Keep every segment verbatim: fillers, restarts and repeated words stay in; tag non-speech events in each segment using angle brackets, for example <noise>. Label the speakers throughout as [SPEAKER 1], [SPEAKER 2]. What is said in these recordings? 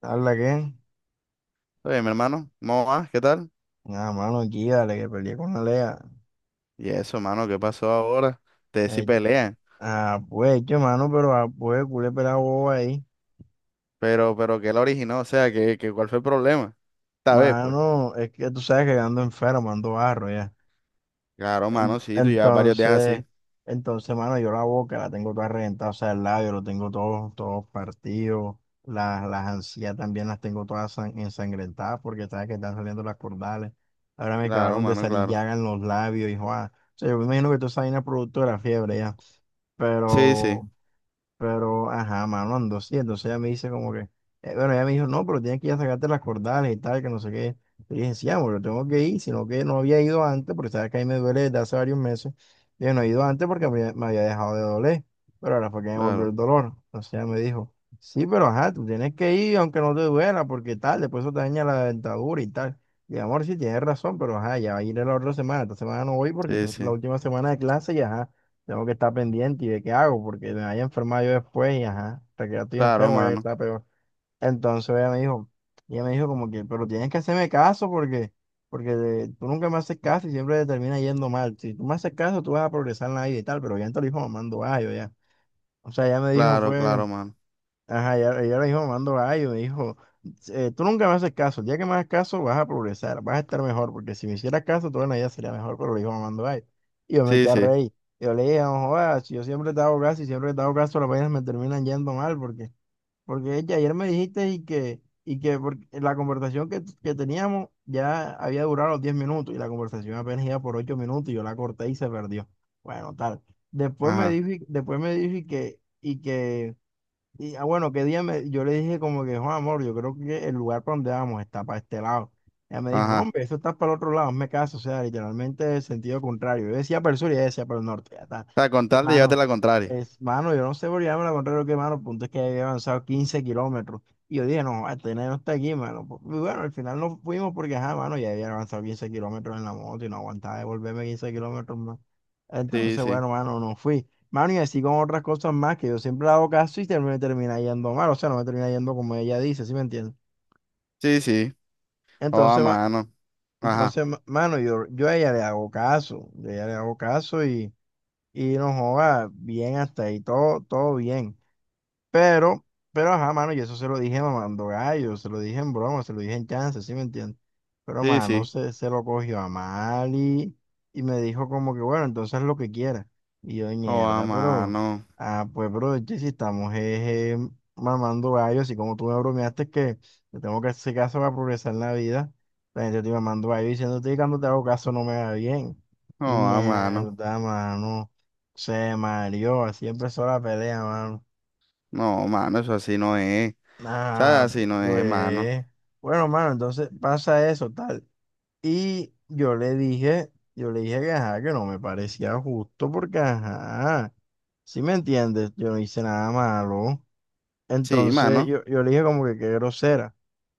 [SPEAKER 1] ¿Habla qué?
[SPEAKER 2] Oye, mi hermano, ¿cómo vas? ¿Qué tal?
[SPEAKER 1] Ah, mano, aquí, dale, que peleé con Alea.
[SPEAKER 2] Y eso, hermano, ¿qué pasó ahora? Te decí
[SPEAKER 1] Eh,
[SPEAKER 2] pelea,
[SPEAKER 1] ah, pues, che, mano, pero ah, pues, culé pelado bobo ahí.
[SPEAKER 2] pero, pero ¿qué la originó? O sea, ¿qué, qué, cuál fue el problema? Esta vez, pues.
[SPEAKER 1] Mano, es que tú sabes que ando enfermo, ando barro ya.
[SPEAKER 2] Claro, mano, sí, tú llevas varios días
[SPEAKER 1] Entonces,
[SPEAKER 2] así.
[SPEAKER 1] entonces, mano, yo la boca la tengo toda reventada, o sea, el labio lo tengo todo, todo partido. Las, las encías también las tengo todas san- ensangrentadas porque sabes que están saliendo las cordales. Ahora me
[SPEAKER 2] Claro,
[SPEAKER 1] acabaron de
[SPEAKER 2] mano,
[SPEAKER 1] salir
[SPEAKER 2] claro.
[SPEAKER 1] llagas en los labios y, joa. O sea, yo me imagino que toda esa vaina es producto de la fiebre ya.
[SPEAKER 2] Sí, sí,
[SPEAKER 1] Pero. Pero, ajá, mano, andó sí. Entonces ella me dice como que, eh, bueno, ella me dijo, no, pero tienes que ir a sacarte las cordales y tal, que no sé qué. Le dije, sí, amor, yo tengo que ir, sino que no había ido antes, porque sabes que ahí me duele desde hace varios meses. Yo no he ido antes porque me, me había dejado de doler, pero ahora fue que me volvió el
[SPEAKER 2] claro,
[SPEAKER 1] dolor. Entonces ella me dijo, sí, pero ajá, tú tienes que ir aunque no te duela, porque tal, después eso te daña la dentadura y tal. Y amor, sí, tienes razón, pero ajá, ya va a ir la otra semana. Esta semana no voy porque
[SPEAKER 2] sí,
[SPEAKER 1] esta es la
[SPEAKER 2] sí.
[SPEAKER 1] última semana de clase y ajá. Tengo que estar pendiente y de qué hago, porque me vaya a enfermar yo después y ajá, hasta que ya estoy
[SPEAKER 2] Claro,
[SPEAKER 1] enfermo ya
[SPEAKER 2] mano,
[SPEAKER 1] está peor. Entonces ella me dijo, ella me dijo como que, pero tienes que hacerme caso porque, porque de- tú nunca me haces caso y siempre te termina yendo mal. Si tú me haces caso, tú vas a progresar en la vida y tal, pero ya te lo dijo mamando gallo ya. O sea, ella me dijo
[SPEAKER 2] claro,
[SPEAKER 1] fue.
[SPEAKER 2] claro, mano.
[SPEAKER 1] Ajá, ella, ella le dijo mando gallo, me dijo, "Eh, Tú nunca me haces caso, el día que me hagas caso vas a progresar, vas a estar mejor, porque si me hicieras caso, toda la vida sería mejor, pero le dijo mamando gallo. Y yo me eché
[SPEAKER 2] Sí,
[SPEAKER 1] a
[SPEAKER 2] sí,
[SPEAKER 1] reír. Yo le dije, no jodas, si yo siempre te hago caso y siempre te hago caso, las vainas me terminan yendo mal, porque, porque ya ayer me dijiste y que, y que por- la conversación que, que teníamos ya había durado los diez minutos y la conversación apenas iba por ocho minutos y yo la corté y se perdió. Bueno, tal. Después me
[SPEAKER 2] ajá,
[SPEAKER 1] dijo, y- después me dijo y que, y que y ah, bueno, qué día me- yo le dije como que, Juan, amor, yo creo que el lugar para donde vamos está para este lado. Ella me dijo, no,
[SPEAKER 2] ajá.
[SPEAKER 1] hombre, eso está para el otro lado, me caso, o sea, literalmente el sentido contrario. Yo decía para el sur y ella decía para el norte, ya está.
[SPEAKER 2] O sea, con
[SPEAKER 1] Y,
[SPEAKER 2] tal de llevarte
[SPEAKER 1] mano,
[SPEAKER 2] la contraria.
[SPEAKER 1] es, mano, yo no sé por qué me la contrario que, mano, el punto es que había avanzado quince kilómetros. Y yo dije, no, este nene no está aquí, mano. Pues, y bueno, al final no fuimos porque, ajá, mano, ya había avanzado quince kilómetros en la moto y no aguantaba de volverme quince kilómetros más.
[SPEAKER 2] Sí,
[SPEAKER 1] Entonces,
[SPEAKER 2] sí,
[SPEAKER 1] bueno, mano, no fui. Mano, y así con otras cosas más que yo siempre le hago caso y ter- me termina yendo mal, o sea, no me termina yendo como ella dice, ¿sí me entiendes?
[SPEAKER 2] sí, sí. Oh, a
[SPEAKER 1] Entonces, ma-
[SPEAKER 2] mano. Ajá,
[SPEAKER 1] entonces, ma- mano, yo, yo a ella le hago caso, yo a ella le hago caso y, y no joda, bien hasta ahí, todo, todo bien. Pero, pero ajá, mano, y eso se lo dije mamando gallo, se lo dije en broma, se lo dije en chance, ¿sí me entiendes? Pero,
[SPEAKER 2] sí,
[SPEAKER 1] mano,
[SPEAKER 2] sí.
[SPEAKER 1] se, se lo cogió a mal y, y me dijo como que, bueno, entonces lo que quiera. Y yo,
[SPEAKER 2] Oh, a
[SPEAKER 1] mierda, pero,
[SPEAKER 2] mano.
[SPEAKER 1] ah, pues, bro, che, si estamos eh, eh, mamando gallo, así como tú me bromeaste que te tengo que hacer caso para progresar en la vida, la gente te mamando gallo diciéndote que cuando te hago caso no me va bien. Y
[SPEAKER 2] Oh, a mano.
[SPEAKER 1] mierda, mano, se mareó, así empezó la pelea, mano.
[SPEAKER 2] No, mano, eso así no es. Sea,
[SPEAKER 1] Ah,
[SPEAKER 2] así no es, mano.
[SPEAKER 1] pues. Bueno, mano, entonces pasa eso, tal. Y yo le dije, yo le dije que ajá, que no me parecía justo porque ajá, si me entiendes, yo no hice nada malo.
[SPEAKER 2] Sí,
[SPEAKER 1] Entonces
[SPEAKER 2] mano.
[SPEAKER 1] yo, yo le dije como que qué grosera.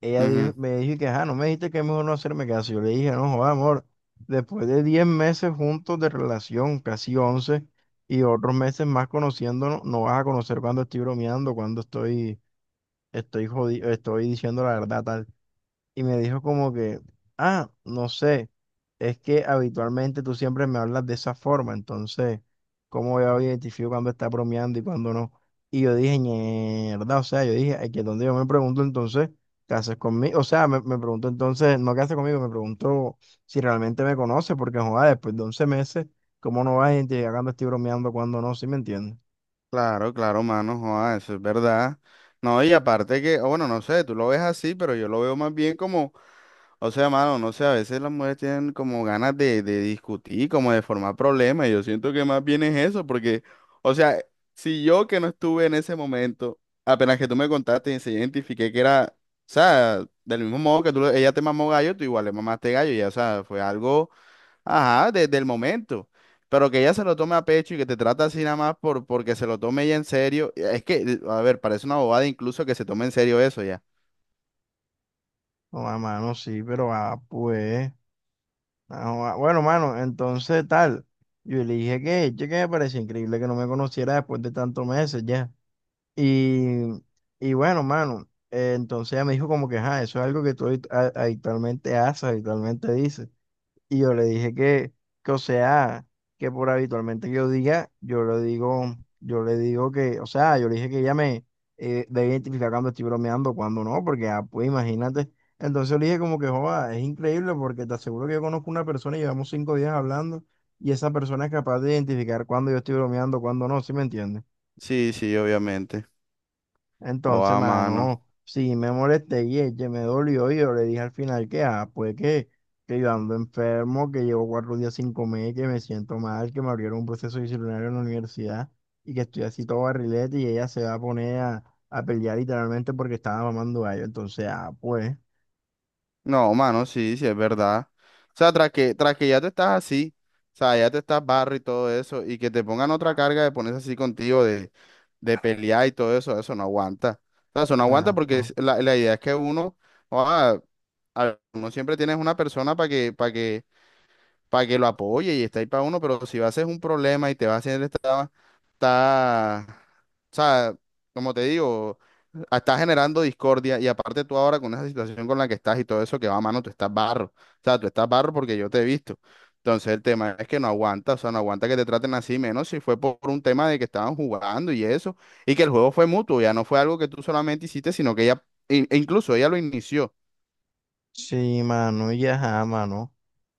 [SPEAKER 1] Ella dijo-
[SPEAKER 2] Ujú.
[SPEAKER 1] me dijo que ajá, no me dijiste que es mejor no hacerme caso. Yo le dije, no, joda amor, después de diez meses juntos de relación, casi once y otros meses más conociéndonos, no vas a conocer cuando estoy bromeando, cuando estoy estoy jodido, estoy diciendo la verdad, tal. Y me dijo como que, ah, no sé, es que habitualmente tú siempre me hablas de esa forma, entonces, ¿cómo yo identifico cuando está bromeando y cuando no? Y yo dije, mierda, o sea, yo dije, "Ay, que donde yo me pregunto entonces, ¿qué haces conmigo? O sea, me, me pregunto entonces, no qué haces conmigo, me pregunto si realmente me conoce, porque joder, después de once meses, ¿cómo no vas a identificar cuando estoy bromeando, cuando no? ¿Sí me entiendes?
[SPEAKER 2] Claro, claro, mano. Joda, eso es verdad. No, y aparte que, o bueno, no sé, tú lo ves así, pero yo lo veo más bien como, o sea, mano, no sé, a veces las mujeres tienen como ganas de, de discutir, como de formar problemas. Yo siento que más bien es eso, porque, o sea, si yo que no estuve en ese momento, apenas que tú me contaste y se identifiqué que era, o sea, del mismo modo que tú, le- ella te mamó gallo, tú igual le mamaste gallo, ya, o sea, fue algo. Ajá, desde el momento. Pero que ella se lo tome a pecho y que te trata así nada más por, porque se lo tome ella en serio. Es que, a ver, parece una bobada incluso que se tome en serio eso ya.
[SPEAKER 1] No, a mano, sí, pero ah, pues. Ah, bueno, mano, entonces tal. Yo le dije que, che, que me parecía increíble que no me conociera después de tantos meses ya. Y, y bueno, mano, eh, entonces ella me dijo como que, ajá, eso es algo que tú habit- a- habitualmente haces, habitualmente dices. Y yo le dije que, que, o sea, que por habitualmente que yo diga, yo le digo, yo le digo que, o sea, yo le dije que ella me eh, debe identificar cuando estoy bromeando, cuando no, porque, ah, pues imagínate. Entonces le dije como que, joda, es increíble porque te aseguro que yo conozco una persona y llevamos cinco días hablando y esa persona es capaz de identificar cuando yo estoy bromeando, cuando no, ¿sí me entiendes?
[SPEAKER 2] Sí, sí, obviamente. O
[SPEAKER 1] Entonces,
[SPEAKER 2] a mano.
[SPEAKER 1] mano, sí me molesté y ella me dolió y yo le dije al final que, ah, pues que, que yo ando enfermo, que llevo cuatro días sin comer, que me siento mal, que me abrieron un proceso disciplinario en la universidad y que estoy así todo barrilete y ella se va a poner a, a pelear literalmente porque estaba mamando gallo. Entonces, ah, pues,
[SPEAKER 2] No, mano, sí, sí, es verdad. O sea, tras que, tras que ya te estás así, o sea, ya te estás barro y todo eso, y que te pongan otra carga de ponerse así contigo, de, de pelear y todo eso, eso no aguanta. O sea, eso no aguanta
[SPEAKER 1] nada,
[SPEAKER 2] porque
[SPEAKER 1] pues.
[SPEAKER 2] es- la, la idea es que uno, ah, a- uno siempre tienes una persona para que, para que para que lo apoye y está ahí para uno, pero si va a ser un problema y te va a hacer esta, está, o sea, como te digo, está generando discordia y aparte tú ahora con esa situación con la que estás y todo eso que va a mano, tú estás barro, o sea, tú estás barro porque yo te he visto. Entonces el tema es que no aguanta, o sea, no aguanta que te traten así, menos si fue por un tema de que estaban jugando y eso, y que el juego fue mutuo, ya no fue algo que tú solamente hiciste, sino que ella, e e incluso ella lo inició.
[SPEAKER 1] Sí, mano, y ajá, mano.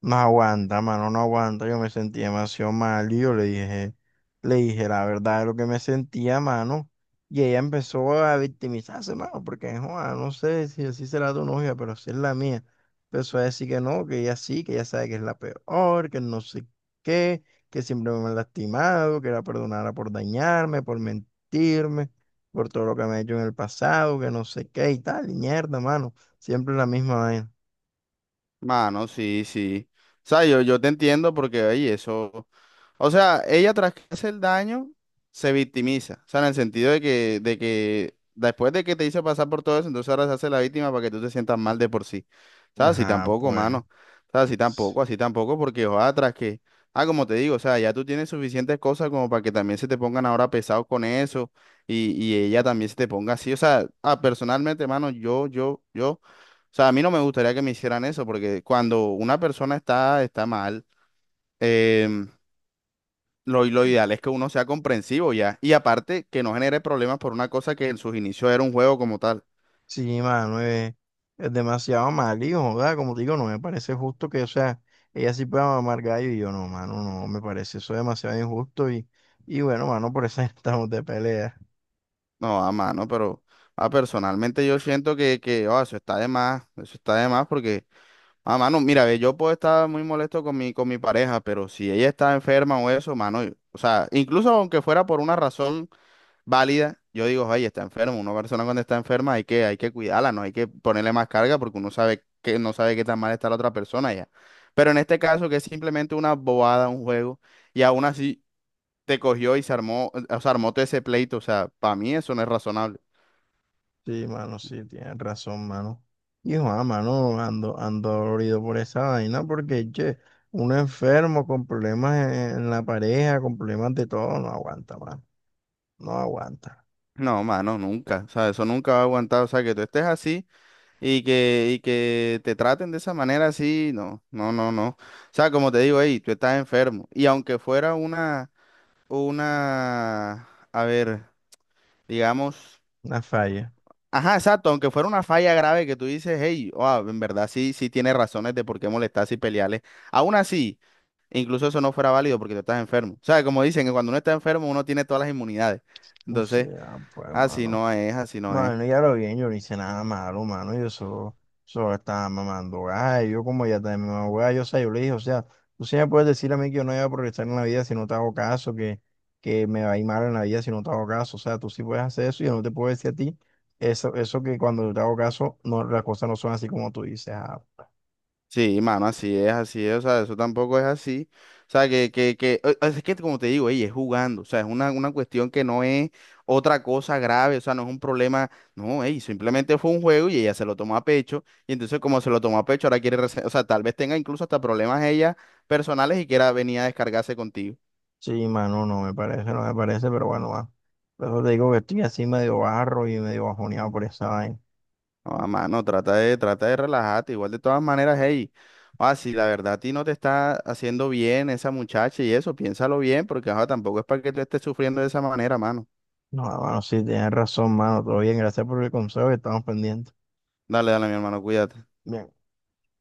[SPEAKER 1] No aguanta, mano, no aguanta. Yo me sentí demasiado mal y yo le dije, le dije la verdad de lo que me sentía, mano. Y ella empezó a victimizarse, mano, porque, joa, no sé si así será tu novia, pero así es la mía. Empezó a decir que no, que ella sí, que ella sabe que es la peor, que no sé qué, que siempre me ha lastimado, que la perdonara por dañarme, por mentirme, por todo lo que me ha hecho en el pasado, que no sé qué y tal, y mierda, mano. Siempre la misma vaina.
[SPEAKER 2] Mano, sí, sí. O sea, yo, yo te entiendo porque, oye, eso. O sea, ella tras que hace el daño, se victimiza. O sea, en el sentido de que, de que después de que te hizo pasar por todo eso, entonces ahora se hace la víctima para que tú te sientas mal de por sí. ¿Sabes? Así
[SPEAKER 1] Ajá,
[SPEAKER 2] tampoco,
[SPEAKER 1] pues.
[SPEAKER 2] mano. ¿Sabes? Así tampoco, así tampoco, porque ojalá tras que. Ah, como te digo, o sea, ya tú tienes suficientes cosas como para que también se te pongan ahora pesados con eso y, y ella también se te ponga así. O sea, ah, personalmente, mano, yo, yo, yo. O sea, a mí no me gustaría que me hicieran eso, porque cuando una persona está, está mal. em, lo, lo ideal es que uno sea comprensivo ya. Y aparte, que no genere problemas por una cosa que en sus inicios era un juego como tal.
[SPEAKER 1] Sí, mano, eh, es demasiado mal, hijo, joda, como te digo, no me parece justo que, o sea, ella sí pueda mamar gallo y yo no, mano, no, me parece eso demasiado injusto y, y bueno, mano, por eso <laughs> estamos de pelea.
[SPEAKER 2] No, a mano, pero ah, personalmente yo siento que, que ah, eso está de más. Eso está de más porque, a mano, mira, ve, yo puedo estar muy molesto con mi, con mi pareja, pero si ella está enferma o eso, mano, yo- o sea, incluso aunque fuera por una razón válida, yo digo, oye, está enfermo, una persona cuando está enferma hay que, hay que cuidarla, no hay que ponerle más carga porque uno sabe que no sabe qué tan mal está la otra persona ya. Pero en este caso que es simplemente una bobada, un juego, y aún así te cogió y se armó, o sea, armó todo ese pleito, o sea, para mí eso no es razonable.
[SPEAKER 1] Sí, mano, sí, tienes razón, mano. Hijo, ah, mano, ando, ando dolorido por esa vaina porque, che, uno enfermo con problemas en, en la pareja, con problemas de todo, no aguanta, mano, no aguanta,
[SPEAKER 2] No, mano, nunca, o sea, eso nunca va a aguantar, o sea, que tú estés así y que, y que te traten de esa manera así, no, no, no, no. O sea, como te digo, hey, tú estás enfermo, y aunque fuera una, una, a ver, digamos.
[SPEAKER 1] una falla.
[SPEAKER 2] Ajá, exacto, aunque fuera una falla grave que tú dices, hey, wow, en verdad sí, sí tiene razones de por qué molestarse y pelearle. Aún así, incluso eso no fuera válido porque tú estás enfermo. O sea, como dicen que cuando uno está enfermo uno tiene todas las inmunidades.
[SPEAKER 1] Sí,
[SPEAKER 2] Entonces,
[SPEAKER 1] ah, pues,
[SPEAKER 2] así
[SPEAKER 1] mano.
[SPEAKER 2] no es, así no es.
[SPEAKER 1] Mano, ya lo bien, yo no hice nada malo, mano. Yo solo, solo estaba mamando gallo. Yo, como ya también mamando gallo, o sea, yo le dije, o sea, tú sí me puedes decir a mí que yo no voy a progresar en la vida si no te hago caso, que, que me va a ir mal en la vida si no te hago caso. O sea, tú sí puedes hacer eso y yo no te puedo decir a ti eso, eso que cuando yo te hago caso, no, las cosas no son así como tú dices. Ah,
[SPEAKER 2] Sí, mano, así es, así es, o sea, eso tampoco es así. O sea, que, que, que, o- o es que como te digo, ey, es jugando, o sea, es una, una cuestión que no es otra cosa grave, o sea, no es un problema, no, ey, simplemente fue un juego y ella se lo tomó a pecho, y entonces como se lo tomó a pecho, ahora quiere, rese- o sea, tal vez tenga incluso hasta problemas ella personales y quiera venir a descargarse contigo.
[SPEAKER 1] sí, mano, no me parece, no me parece, pero bueno, va. Por eso te digo que estoy así medio barro y medio bajoneado por esa vaina.
[SPEAKER 2] No, a mano, trata de, trata de relajarte. Igual de todas maneras, hey, ah, si la verdad a ti no te está haciendo bien esa muchacha y eso, piénsalo bien, porque ajá, tampoco es para que tú estés sufriendo de esa manera, mano.
[SPEAKER 1] No, mano, sí, tienes razón, mano. Todo bien, gracias por el consejo y estamos pendientes.
[SPEAKER 2] Dale, dale, mi hermano, cuídate.
[SPEAKER 1] Bien.